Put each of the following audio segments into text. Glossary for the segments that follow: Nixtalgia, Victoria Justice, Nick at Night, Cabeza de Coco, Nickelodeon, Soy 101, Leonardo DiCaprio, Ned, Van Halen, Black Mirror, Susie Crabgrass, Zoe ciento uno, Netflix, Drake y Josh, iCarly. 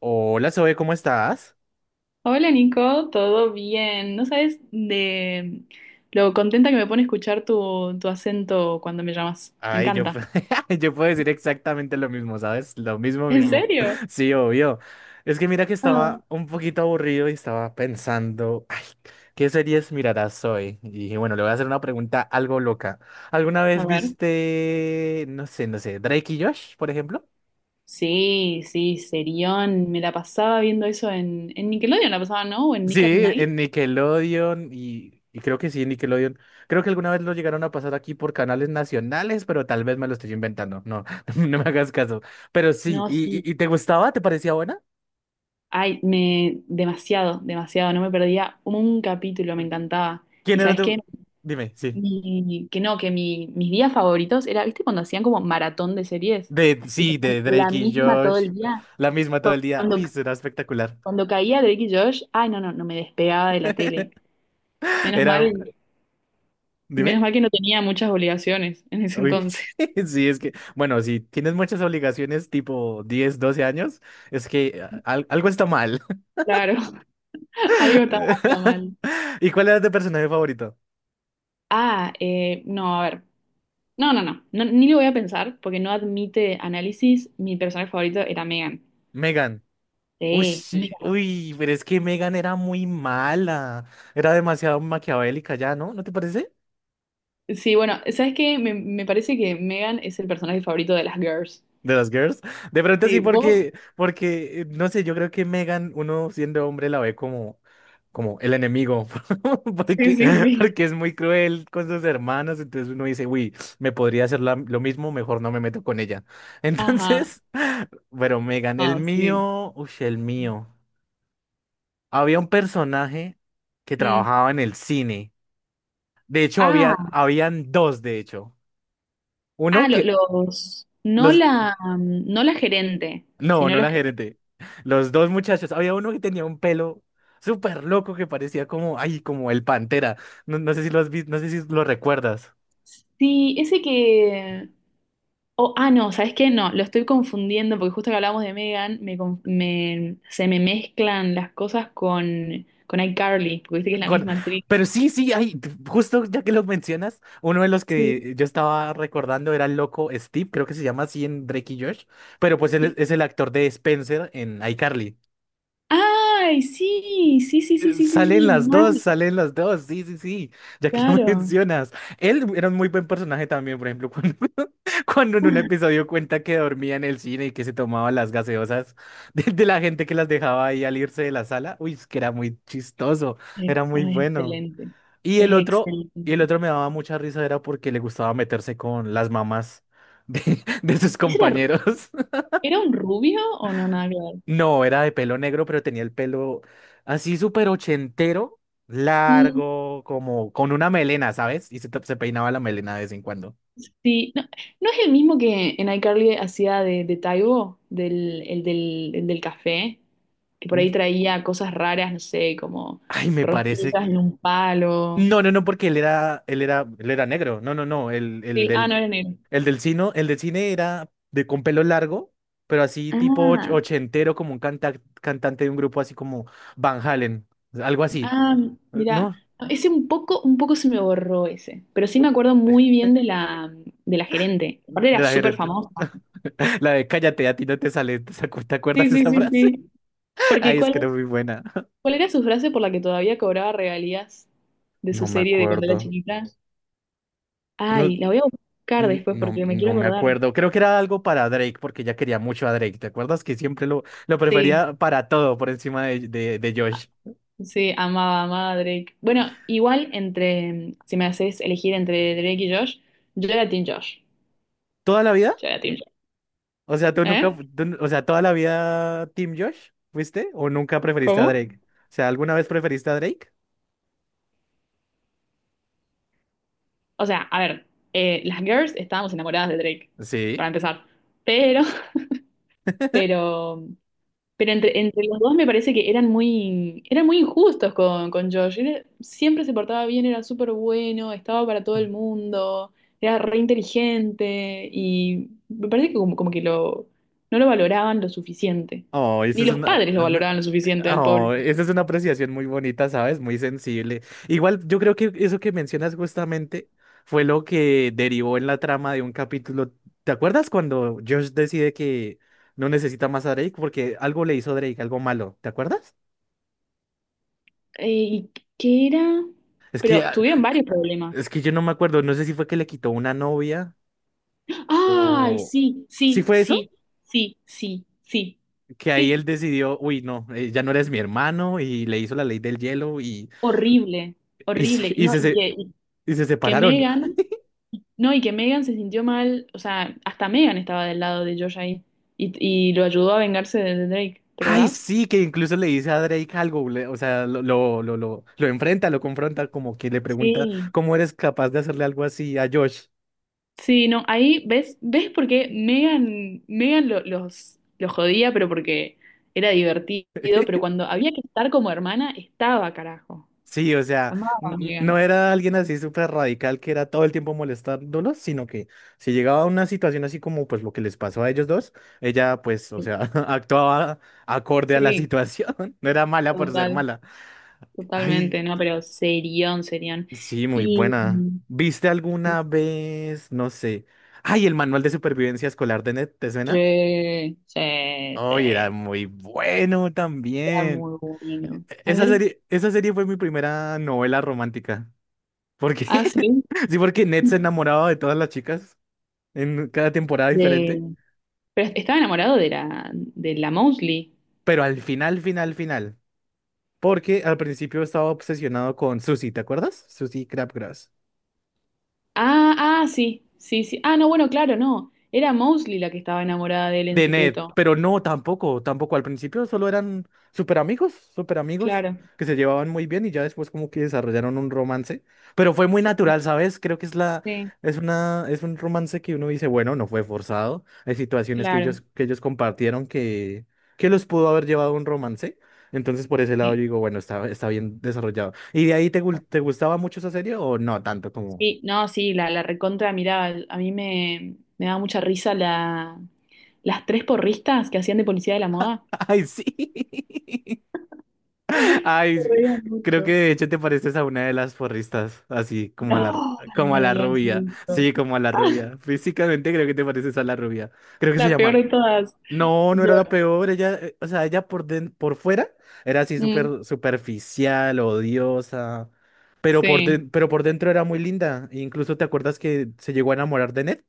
Hola, Zoe, ¿cómo estás? Hola Nico, ¿todo bien? ¿No sabes de lo contenta que me pone escuchar tu acento cuando me llamas? Me Ay, yo, pu- encanta. yo puedo decir exactamente lo mismo, ¿sabes? Lo mismo, ¿En mismo. serio? Sí, obvio. Es que mira que Ah. estaba un poquito aburrido y estaba pensando, ay, ¿qué series mirarás hoy? Y dije, bueno, le voy a hacer una pregunta algo loca. ¿Alguna A vez ver. viste, no sé, Drake y Josh, por ejemplo? Sí, sí, serión. Me la pasaba viendo eso en Nickelodeon, la pasaba, ¿no? O en Sí, Nick at Night. en Nickelodeon y creo que sí, en Nickelodeon. Creo que alguna vez lo llegaron a pasar aquí por canales nacionales, pero tal vez me lo estoy inventando. No, no me hagas caso. Pero sí, No, ¿y, sí. y, y te gustaba? ¿Te parecía buena? Ay, demasiado, demasiado. No me perdía un capítulo, me encantaba. ¿Quién ¿Y era sabes qué? tu...? Dime, sí. Mi- que no, que mi- Mis días favoritos era, ¿viste cuando hacían como maratón de series? De, Y sí, ponían de la Drake y misma todo Josh. el día. La misma todo el día. Cuando, Uy, eso era espectacular. cuando caía Drake y Josh, ay, no, no, no me despegaba de la tele. Menos Era... mal, Dime. menos mal que no tenía muchas obligaciones en ese Uy. entonces. Sí, es que, bueno, si tienes muchas obligaciones tipo 10, 12 años, es que algo está mal. Claro, algo estaba anda mal. ¿Y cuál era tu personaje favorito? No, a ver. No, Ni lo voy a pensar porque no admite análisis. Mi personaje favorito era Megan. Megan. Uy, Sí, sí, Megan. uy, pero es que Megan era muy mala. Era demasiado maquiavélica ya, ¿no? ¿No te parece? Sí, bueno, ¿sabes qué? Me parece que Megan es el personaje favorito de las girls. De las girls. De pronto sí, Sí, vos. porque no sé, yo creo que Megan, uno siendo hombre, la ve como el enemigo. Sí, Porque, sí, sí. porque es muy cruel con sus hermanas. Entonces uno dice, uy, me podría hacer lo mismo, mejor no me meto con ella. Ajá. Entonces, pero Megan, el Ah, sí. mío, uy, el mío. Había un personaje que Mm. trabajaba en el cine. De hecho, Ah, habían dos, de hecho. Uno que, no los, la, no la gerente, no, sino no los la que... gerente. Los dos muchachos. Había uno que tenía un pelo súper loco que parecía como, ay, como el Pantera. No, no sé si lo has visto, no sé si lo recuerdas. Sí, ese que... Oh, no, ¿sabes qué? No, lo estoy confundiendo porque justo que hablamos de Megan, se me mezclan las cosas con iCarly, porque viste que es la Con- misma actriz. pero sí, sí, ay, justo ya que lo mencionas, uno de los Sí. que yo estaba recordando era el loco Steve, creo que se llama así en Drake y Josh, pero pues él Sí. es el actor de Spencer en iCarly. Ay, sí, sí, sí, sí, sí, sí, sí, mal, Salen las dos, sí, sí, sí, ya que lo claro. mencionas. Él era un muy buen personaje también, por ejemplo, cuando, cuando en un episodio cuenta que dormía en el cine y que se tomaba las gaseosas de la gente que las dejaba ahí al irse de la sala. Uy, es que era muy chistoso, era muy No, es bueno. excelente, Y el es otro, y el excelente. otro me daba mucha risa, era porque le gustaba meterse con las mamás de, de sus ¿Ese era, compañeros. era un rubio o no, nada que No, era de pelo negro, pero tenía el pelo así súper ochentero, ver? largo, como con una melena, ¿sabes? Y se, te- se peinaba la melena de vez en cuando. Sí, no, ¿no es el mismo que en iCarly hacía de Taibo, el del café, que por Mm. ahí traía cosas raras, no sé, como Ay, me parece. rosquillas en un palo. No, no, no, porque él era negro. No, no, no. Sí, ah, no era negro. El del cine era de con pelo largo, pero así tipo och- Ah, ochentero, como un canta- cantante de un grupo así como Van Halen, algo así. ah, mira, ¿No? no, ese un poco se me borró ese, pero sí me acuerdo muy bien de la gerente. Aparte De era la súper gerente. famosa. La de cállate, a ti no te sale. ¿Te acu- te acuerdas Sí, de sí, esa sí, frase? sí. Porque Ay, es ¿cuál, que era muy buena. cuál era su frase por la que todavía cobraba regalías de su No me serie de cuando era acuerdo. chiquita? No, Ay, la voy a buscar después porque me quiero no me acordar. acuerdo. Creo que era algo para Drake, porque ya quería mucho a Drake. ¿Te acuerdas que siempre lo Sí, prefería para todo por encima de Josh? sí, amaba, amaba a Drake. Bueno, igual entre, si me haces elegir entre Drake y Josh, yo era Team Josh. ¿Toda la vida? Yo era Team Josh. O sea, tú nunca, ¿Eh? fu- tú n- o sea, toda la vida Team Josh, ¿fuiste? ¿O nunca preferiste a ¿Cómo? Drake? O sea, ¿alguna vez preferiste a Drake? O sea, a ver, las girls estábamos enamoradas de Drake, Sí. para empezar. Pero, pero Pero entre los dos me parece que eran muy injustos con Josh. Era- siempre se portaba bien, era súper bueno, estaba para todo el mundo, era re inteligente y me parece que como que lo, no lo valoraban lo suficiente. Oh, esa Ni es los una... padres lo valoraban lo ajá, suficiente al pobre. Oh, esa es una apreciación muy bonita, ¿sabes? Muy sensible. Igual, yo creo que eso que mencionas justamente fue lo que derivó en la trama de un capítulo. ¿Te acuerdas cuando Josh decide que no necesita más a Drake porque algo le hizo Drake, algo malo? ¿Te acuerdas? ¿Y qué era? Es que, Pero ah, tuvieron varios es problemas. que yo no me acuerdo, no sé si fue que le quitó una novia Ay, o... sí, ¿Sí sí, fue eso? sí, sí, sí, sí, Que ahí él sí. decidió, uy, no, ya no eres mi hermano y le hizo la ley del hielo y, Horrible, y, se- horrible. y No, se, se- y y se que separaron. Megan... No, y que Megan se sintió mal, o sea, hasta Megan estaba del lado de Josh ahí y, y lo ayudó a vengarse de Drake, ¿te Ay, acordás? sí, que incluso le dice a Drake algo, le- o sea, lo enfrenta, lo confronta, como que le pregunta Sí. cómo eres capaz de hacerle algo así a Josh. Sí, no, ahí ves, ves por qué Megan, los jodía, pero porque era divertido, pero cuando había que estar como hermana, estaba, carajo. Sí, o sea, Amaba a Megan. no era alguien así súper radical que era todo el tiempo molestándolos, sino que si llegaba a una situación así como pues lo que les pasó a ellos dos, ella pues, o sea, actuaba acorde a la Sí, situación, no era mala por ser total, mala. Ay. totalmente, no, pero serión, serión. Sí, muy Y buena. ¿Viste sí, alguna vez? No sé. Ay, el manual de supervivencia escolar de Ned, ¿te suena? sí, Ay, era sí, muy bueno era también. muy bueno. A ver, Esa serie fue mi primera novela romántica. ¿Por ah, qué? sí. Sí, porque Ned se enamoraba de todas las chicas en cada temporada diferente. De... Pero estaba enamorado de la Mosley. Pero al final, final, final. Porque al principio estaba obsesionado con Susie, ¿te acuerdas? Susie Crabgrass. Ah, ah, sí, sí, sí. Ah, no, bueno, claro, no. Era Mosley la que estaba enamorada de él en De Ned, secreto. pero no, tampoco, tampoco. Al principio solo eran súper amigos, Claro. que se llevaban muy bien y ya después como que desarrollaron un romance, pero fue muy Sí, natural, ¿sabes? Creo que es la, sí, es una, es un romance que uno dice, bueno, no fue forzado. Hay situaciones claro. Que ellos compartieron que los pudo haber llevado a un romance. Entonces por ese lado yo Sí, digo, bueno, está bien desarrollado. ¿Y de ahí te, gu- te gustaba mucho esa serie o no tanto como... sí, no, sí, la recontra, mirá, me daba mucha risa las tres porristas que hacían de policía de la moda. Ay, sí. Ay, Me sí, reía creo que mucho. de hecho te pareces a una de las porristas, así como a No, como a la nadie hace rubia. eso. Sí, como a la rubia. Físicamente creo que te pareces a la rubia. Creo que se La peor llama. de todas. No, no Yo- era la peor. Ella, o sea, ella por, den- por fuera era así mm, súper superficial, odiosa. Pero por, sí. den- pero por dentro era muy linda. E incluso te acuerdas que se llegó a enamorar de Ned.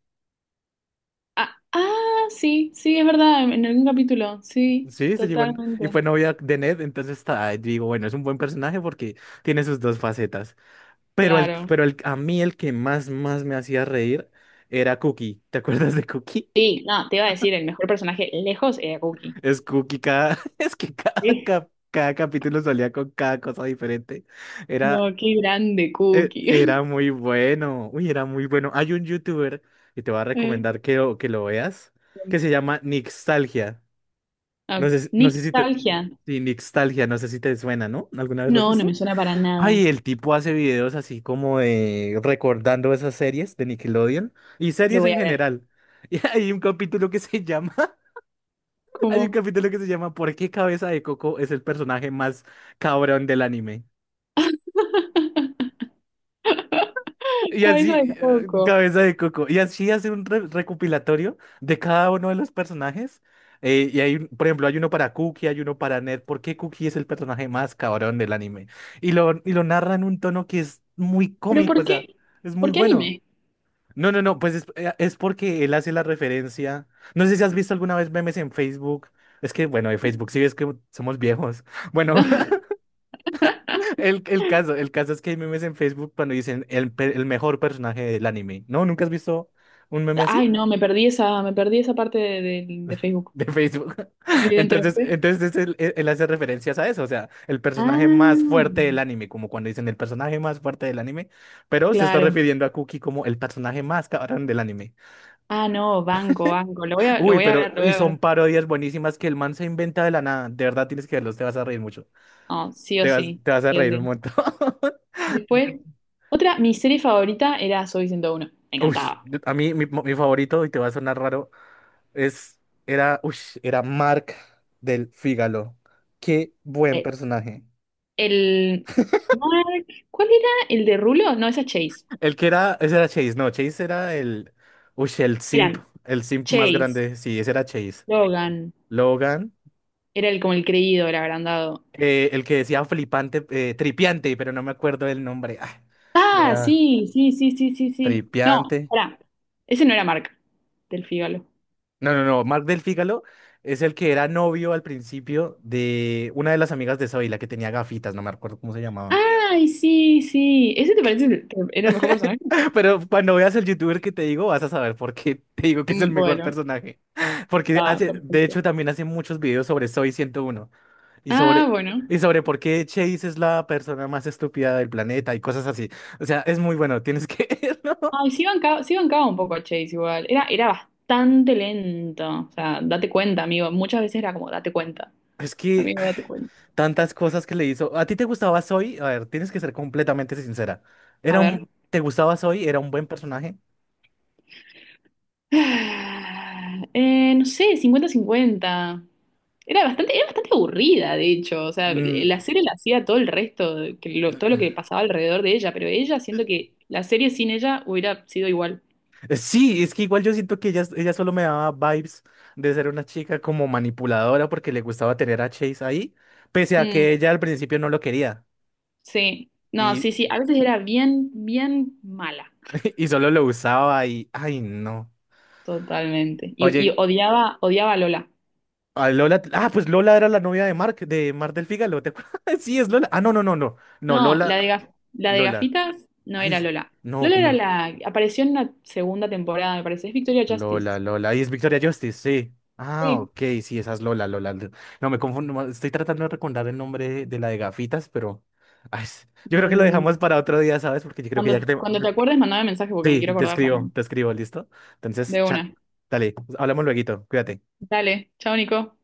Ah, ah, sí, sí, es verdad, en algún capítulo, sí, Sí, se llegó a en- y totalmente. fue novia de Ned. Entonces, está, digo, bueno, es un buen personaje porque tiene sus dos facetas. Claro. Pero el, a mí el que más me hacía reír era Cookie. ¿Te acuerdas de Cookie? Sí, no, te iba a decir, el mejor personaje lejos era Cookie. Es Cookie cada... Es que cada, Sí. cap- cada capítulo salía con cada cosa diferente. Era, No, qué grande Cookie. era muy bueno. Uy, era muy bueno. Hay un youtuber y te voy a Eh, recomendar que lo veas, que se llama Nixtalgia. No sé, si- no sé si te... Nostalgia. Sí, Nixtalgia, no sé si te suena, ¿no? ¿Alguna vez lo has No, no me visto? suena para nada. Ay, el tipo hace videos así como de recordando esas series de Nickelodeon y Lo series voy en a ver. general. Y hay un capítulo que se llama, hay un ¿Cómo? capítulo que se llama ¿Por qué Cabeza de Coco es el personaje más cabrón del anime? Y Cabeza así, de coco. Cabeza de Coco. Y así hace un re- recopilatorio de cada uno de los personajes. Y hay, un- por ejemplo, hay uno para Cookie, hay uno para Ned. ¿Por qué Cookie es el personaje más cabrón del anime? Y lo narra en un tono que es muy ¿Pero cómico, o por sea, qué? es muy ¿Por qué bueno. anime? No, no, no, pues es porque él hace la referencia. No sé si has visto alguna vez memes en Facebook. Es que, bueno, de Facebook sí ves que somos viejos. Bueno, el caso es que hay memes en Facebook cuando dicen el, pe- el mejor personaje del anime. ¿No? ¿Nunca has visto un meme así? Ay, no, me perdí esa parte de Facebook, De Facebook. Entonces, evidentemente. entonces él hace referencias a eso. O sea, el personaje más Ah, fuerte del anime, como cuando dicen el personaje más fuerte del anime, pero se está claro. refiriendo a Cookie como el personaje más cabrón del anime. Ah, no, banco, banco. Lo Uy, voy a pero ver, lo voy y a son ver. parodias buenísimas que el man se inventa de la nada. De verdad tienes que verlos, te vas a reír mucho. No, sí o sí, Te vas a sí o reír un sí. montón. Después, otra, mi serie favorita era Soy 101. Me Uy, encantaba. a mí mi favorito, y te va a sonar raro, es, era, uy, era Mark del Fígalo. Qué buen Eh, personaje. El Mark, ¿cuál era el de Rulo? No, esa es Chase. El que era, ese era Chase, no, Chase era el, uy, Eran el simp más Chase, grande, sí, ese era Chase. Logan, Logan, era el como el creído, el agrandado. El que decía flipante, tripiante, pero no me acuerdo el nombre. Ah, Ah, era- sí, sí, sí, sí, sí, sí. No, Tripiante. pará. Ese no era Mark, del Fígalo. No, no, no. Mark del Fígalo es el que era novio al principio de una de las amigas de Zoe, la que tenía gafitas, no me acuerdo cómo se llamaba. Ay, sí, sí. ¿Ese te parece que era el mejor personaje? Pero cuando veas el youtuber que te digo, vas a saber por qué te digo que es el Mm, mejor bueno, personaje. Porque está hace, de hecho, perfecto. también hace muchos videos sobre Zoe 101 y Ah, sobre, bueno. y sobre por qué Chase es la persona más estúpida del planeta y cosas así. O sea, es muy bueno, tienes que verlo. Ay, sí bancaba un poco a Chase igual. Era, era bastante lento. O sea, date cuenta, amigo. Muchas veces era como, date cuenta. Es que Amigo, date cuenta. tantas cosas que le hizo. ¿A ti te gustaba Zoe? A ver, tienes que ser completamente sincera. A Era ver. un... ¿Te gustaba Zoe? ¿Era un buen personaje? No sé, cincuenta-cincuenta. Era bastante aburrida, de hecho. O sea, la Mm. serie la hacía todo el resto, todo lo que pasaba alrededor de ella, pero ella siento que la serie sin ella hubiera sido igual. Sí, es que igual yo siento que ella solo me daba vibes de ser una chica como manipuladora porque le gustaba tener a Chase ahí, pese a que Mm, ella al principio no lo quería sí. No, sí, y, sí. A veces era bien, bien mala. y solo lo usaba y... Ay, no. Totalmente. Y Oye, odiaba, odiaba a Lola. a Lola... Ah, pues Lola era la novia de Mark, de Mark del Fígalo, ¿te acuerdas? Sí, es Lola. Ah, no, no, no, no. No, No, la Lola... de gaf- la de Lola. gafitas no Ay, era es- Lola. no, Lola era ¿cómo? la, apareció en una segunda temporada, me parece. Es Victoria Lola, Justice. Lola. Ahí es Victoria Justice, sí. Ah, Sí. ok, sí, esa es Lola, Lola. Lo- no, me confundo. Ma- estoy tratando de recordar el nombre de la de gafitas, pero. Ay, es- yo creo que lo Mm, dejamos para otro día, ¿sabes? Porque yo creo que ya cuando, que te. cuando te acuerdes, mandame mensaje porque me Sí, quiero acordar también. te escribo, ¿listo? Entonces, De cha, una. dale, hablamos lueguito, cuídate. Dale. Chao, Nico.